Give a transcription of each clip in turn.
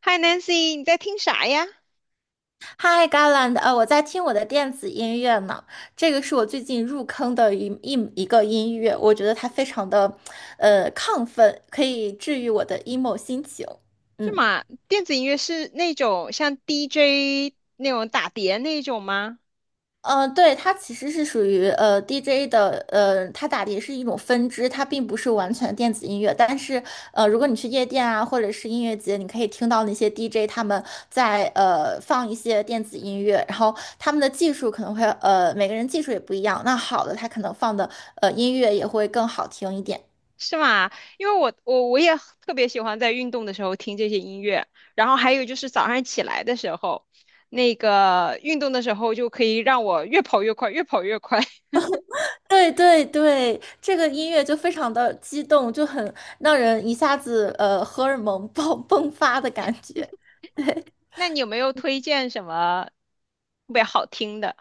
嗨，Nancy，你在听啥呀？Hi Garland，我在听我的电子音乐呢，这个是我最近入坑的一个音乐，我觉得它非常的，亢奋，可以治愈我的 emo 心情。这嗯。嘛，电子音乐是那种像 DJ 那种打碟那种吗？对，它其实是属于DJ 的，它打碟是一种分支，它并不是完全电子音乐。但是，如果你去夜店啊，或者是音乐节，你可以听到那些 DJ 他们在放一些电子音乐，然后他们的技术可能会每个人技术也不一样，那好的他可能放的音乐也会更好听一点。是吗？因为我也特别喜欢在运动的时候听这些音乐，然后还有就是早上起来的时候，那个运动的时候就可以让我越跑越快，越跑越快。对对对，这个音乐就非常的激动，就很让人一下子荷尔蒙爆 迸发的感觉。那你有没有推荐什么特别好听的？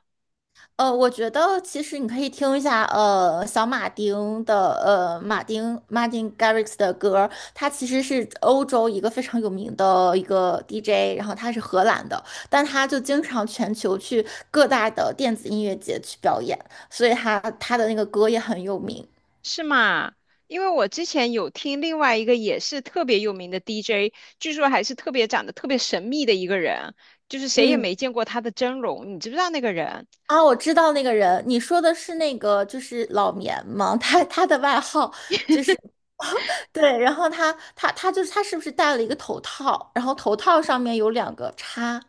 我觉得其实你可以听一下，小马丁的，马丁 Martin Garrix 的歌，他其实是欧洲一个非常有名的一个 DJ，然后他是荷兰的，但他就经常全球去各大的电子音乐节去表演，所以他的那个歌也很有名。是吗？因为我之前有听另外一个也是特别有名的 DJ，据说还是特别长得特别神秘的一个人，就是谁也嗯。没见过他的真容，你知不知道那个人？啊，我知道那个人，你说的是那个就是老棉吗？他的外号就是 对，然后他就是他是不是戴了一个头套？然后头套上面有两个叉，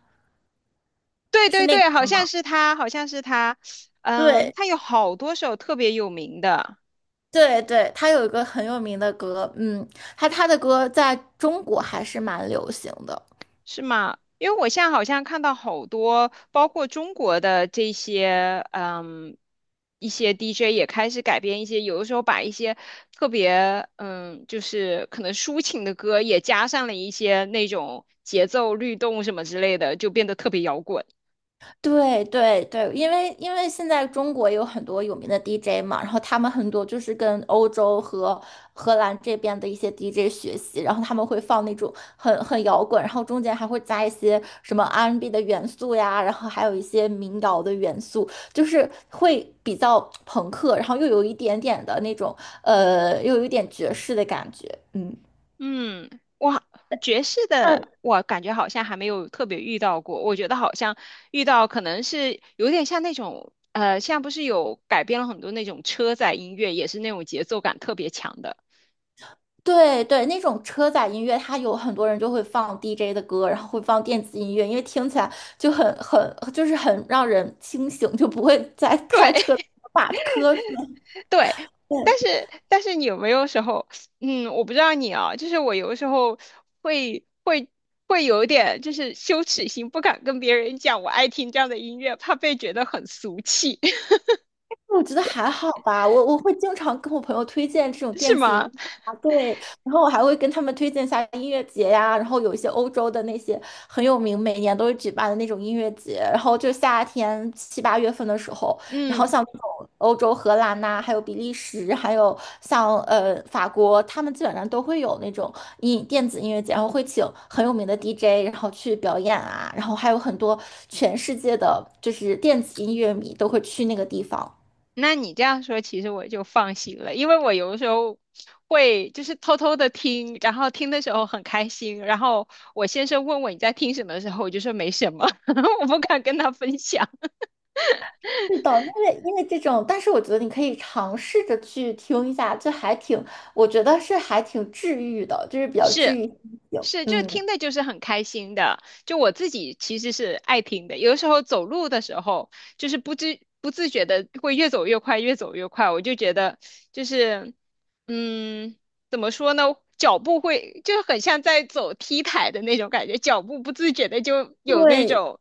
对是对那个，对，好像是他，好像是他，嗯，对他有好多首特别有名的。对对，他有一个很有名的歌，嗯，他的歌在中国还是蛮流行的。是吗？因为我现在好像看到好多，包括中国的这些，嗯，一些 DJ 也开始改编一些，有的时候把一些特别，就是可能抒情的歌也加上了一些那种节奏律动什么之类的，就变得特别摇滚。对对对，因为现在中国有很多有名的 DJ 嘛，然后他们很多就是跟欧洲和荷兰这边的一些 DJ 学习，然后他们会放那种很摇滚，然后中间还会加一些什么 R&B n 的元素呀，然后还有一些民谣的元素，就是会比较朋克，然后又有一点点的那种又有一点爵士的感觉，嗯。嗯，哇，爵士的我感觉好像还没有特别遇到过。我觉得好像遇到可能是有点像那种，现在不是有改编了很多那种车载音乐，也是那种节奏感特别强的。对对，那种车载音乐，它有很多人就会放 DJ 的歌，然后会放电子音乐，因为听起来就很就是很让人清醒，就不会在开对 车把瞌睡。对，但是你有没有时候，嗯，我不知道你啊，就是我有的时候会会会有一点就是羞耻心，不敢跟别人讲我爱听这样的音乐，怕被觉得很俗气，我觉得还好吧，我会经常跟我朋友推荐这种是电子音吗？乐啊，对，然后我还会跟他们推荐一下音乐节呀，然后有一些欧洲的那些很有名，每年都会举办的那种音乐节，然后就夏天七八月份的时候，然后嗯。像这种欧洲荷兰呐、还有比利时，还有像法国，他们基本上都会有那种电子音乐节，然后会请很有名的 DJ，然后去表演啊，然后还有很多全世界的就是电子音乐迷都会去那个地方。那你这样说，其实我就放心了，因为我有的时候会就是偷偷的听，然后听的时候很开心，然后我先生问我你在听什么的时候，我就说没什么，我不敢跟他分享。是的，因为这种，但是我觉得你可以尝试着去听一下，就还挺，我觉得是还挺治愈的，就是比较治是，愈心情。是，就嗯，听的就是很开心的。就我自己其实是爱听的，有的时候走路的时候，就是不知不自觉的会越走越快，越走越快。我就觉得就是，嗯，怎么说呢？脚步会就是很像在走 T 台的那种感觉，脚步不自觉的就有那对，种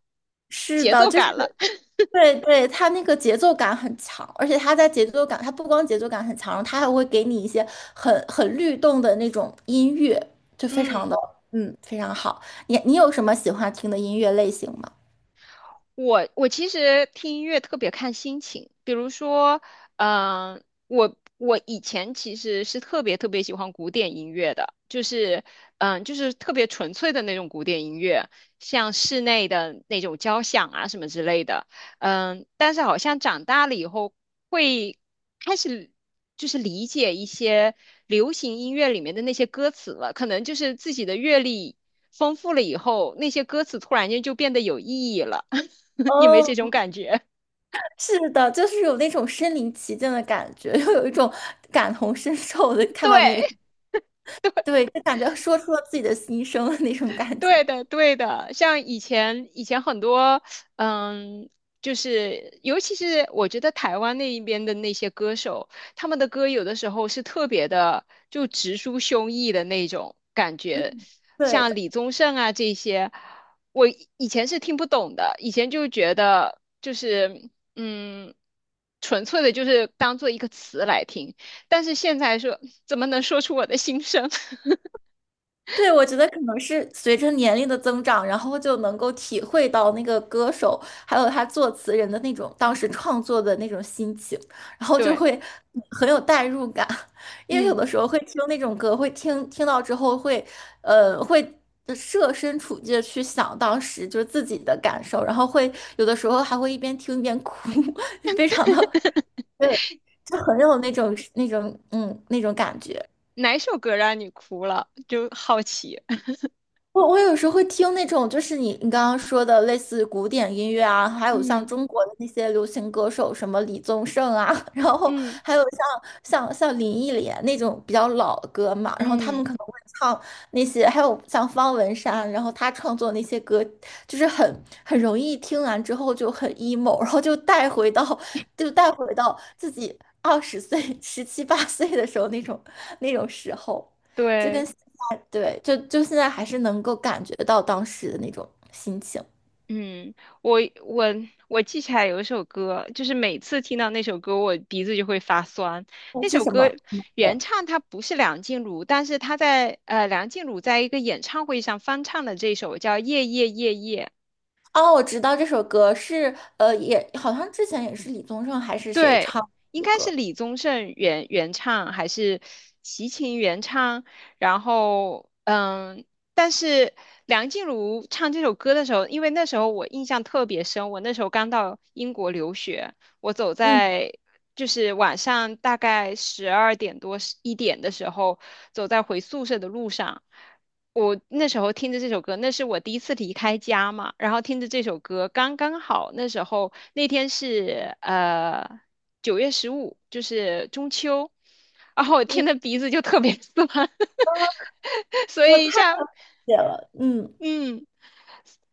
是节的，奏就是。感了。对对，它那个节奏感很强，而且它在节奏感，它不光节奏感很强，它还会给你一些很律动的那种音乐，就非常嗯。的非常好。你有什么喜欢听的音乐类型吗？我其实听音乐特别看心情，比如说，我以前其实是特别特别喜欢古典音乐的，就是就是特别纯粹的那种古典音乐，像室内的那种交响啊什么之类的，但是好像长大了以后会开始就是理解一些流行音乐里面的那些歌词了，可能就是自己的阅历丰富了以后，那些歌词突然间就变得有意义了。你没哦，这种感觉？是的，就是有那种身临其境的感觉，又有一种感同身受的 看对，到你，对，就感觉说出了自己的心声的那种感对觉。的，对的，像以前很多，嗯，就是尤其是我觉得台湾那一边的那些歌手，他们的歌有的时候是特别的，就直抒胸臆的那种感觉，嗯，对像的。李宗盛啊这些，我以前是听不懂的，以前就觉得就是嗯，纯粹的就是当做一个词来听，但是现在说怎么能说出我的心声？对，我觉得可能是随着年龄的增长，然后就能够体会到那个歌手还有他作词人的那种当时创作的那种心情，然后就对。会很有代入感。因为有嗯，的时候会听那种歌，会听到之后会，会设身处地的去想当时就是自己的感受，然后会有的时候还会一边听一边哭，非常的，对，就很有那种感觉。哪首歌让你哭了？就好奇。我有时候会听那种，就是你刚刚说的类似古典音乐啊，还有像嗯中国的那些流行歌手，什么李宗盛啊，然后嗯还有像林忆莲那种比较老的歌嘛，然后他们嗯，可能会唱那些，还有像方文山，然后他创作那些歌，就是很容易听完之后就很 emo，然后就带回到自己20岁、17、18岁的时候那种那种时候，就对，跟。对，就现在还是能够感觉到当时的那种心情。嗯，我我我记起来有一首歌，就是每次听到那首歌，我鼻子就会发酸。哦那是首什歌么？原唱他不是梁静茹，但是梁静茹在一个演唱会上翻唱的这首叫《夜夜夜夜》。哦，我知道这首歌是也好像之前也是李宗盛还是谁对，唱应的该是歌。李宗盛原唱还是齐秦原唱？然后，但是梁静茹唱这首歌的时候，因为那时候我印象特别深，我那时候刚到英国留学，我走嗯，在就是晚上大概12点多一点的时候，走在回宿舍的路上。我那时候听着这首歌，那是我第一次离开家嘛，然后听着这首歌，刚刚好那时候那天是9月15，就是中秋，然后我听的鼻子就特别酸，所以写了，嗯。嗯。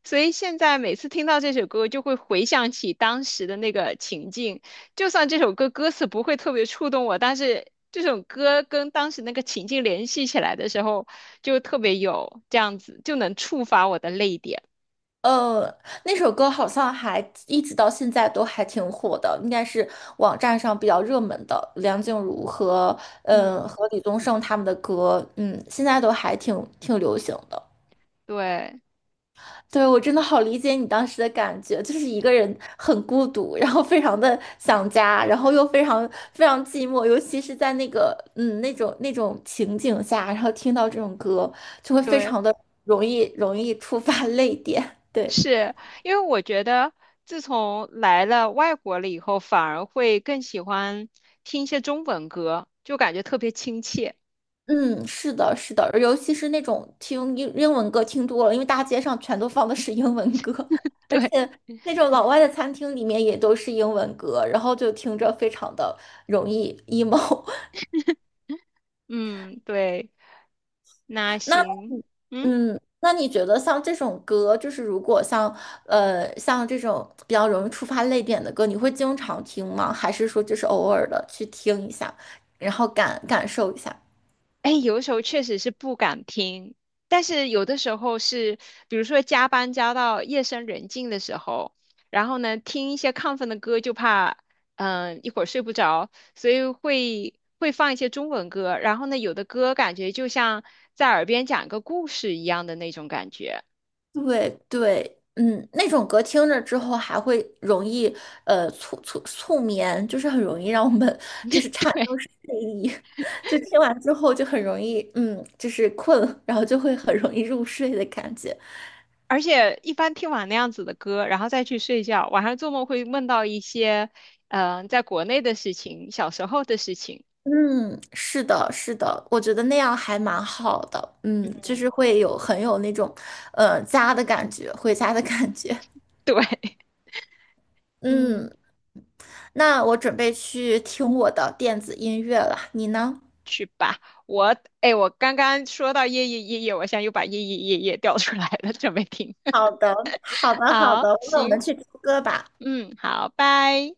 所以现在每次听到这首歌，就会回想起当时的那个情境。就算这首歌歌词不会特别触动我，但是这首歌跟当时那个情境联系起来的时候，就特别有这样子，就能触发我的泪点。呃，那首歌好像还一直到现在都还挺火的，应该是网站上比较热门的梁静茹和嗯、嗯呃和李宗盛他们的歌，嗯，现在都还挺流行的。对对，我真的好理解你当时的感觉，就是一个人很孤独，然后非常的想家，然后又非常非常寂寞，尤其是在那个那种那种情景下，然后听到这种歌，就会非对，常的容易触发 泪点。对，是因为我觉得自从来了外国了以后，反而会更喜欢听一些中文歌，就感觉特别亲切。嗯，是的，是的，尤其是那种听英文歌听多了，因为大街上全都放的是英文歌，而对，且那种老外的餐厅里面也都是英文歌，然后就听着非常的容易 emo。嗯，对，那那行，嗯。那你觉得像这种歌，就是如果像像这种比较容易触发泪点的歌，你会经常听吗？还是说就是偶尔的去听一下，然后感受一下？哎，有的时候确实是不敢听，但是有的时候是，比如说加班加到夜深人静的时候，然后呢，听一些亢奋的歌，就怕一会儿睡不着，所以会放一些中文歌，然后呢，有的歌感觉就像在耳边讲一个故事一样的那种感觉，对对，嗯，那种歌听着之后还会容易促眠，就是很容易让我们就是 产对，生睡意，就听完之后就很容易就是困，然后就会很容易入睡的感觉。而且一般听完那样子的歌，然后再去睡觉，晚上做梦会梦到一些在国内的事情，小时候的事情，嗯，是的，是的，我觉得那样还蛮好的。嗯，就是嗯，会有很有那种，家的感觉，回家的感觉。对，嗯。嗯，那我准备去听我的电子音乐了，你呢？去吧。我，哎，我刚刚说到夜夜夜夜，我现在又把夜夜夜夜调出来了，准备听。好的，好的，好好，的，那我们行，去听歌吧。嗯，好，拜。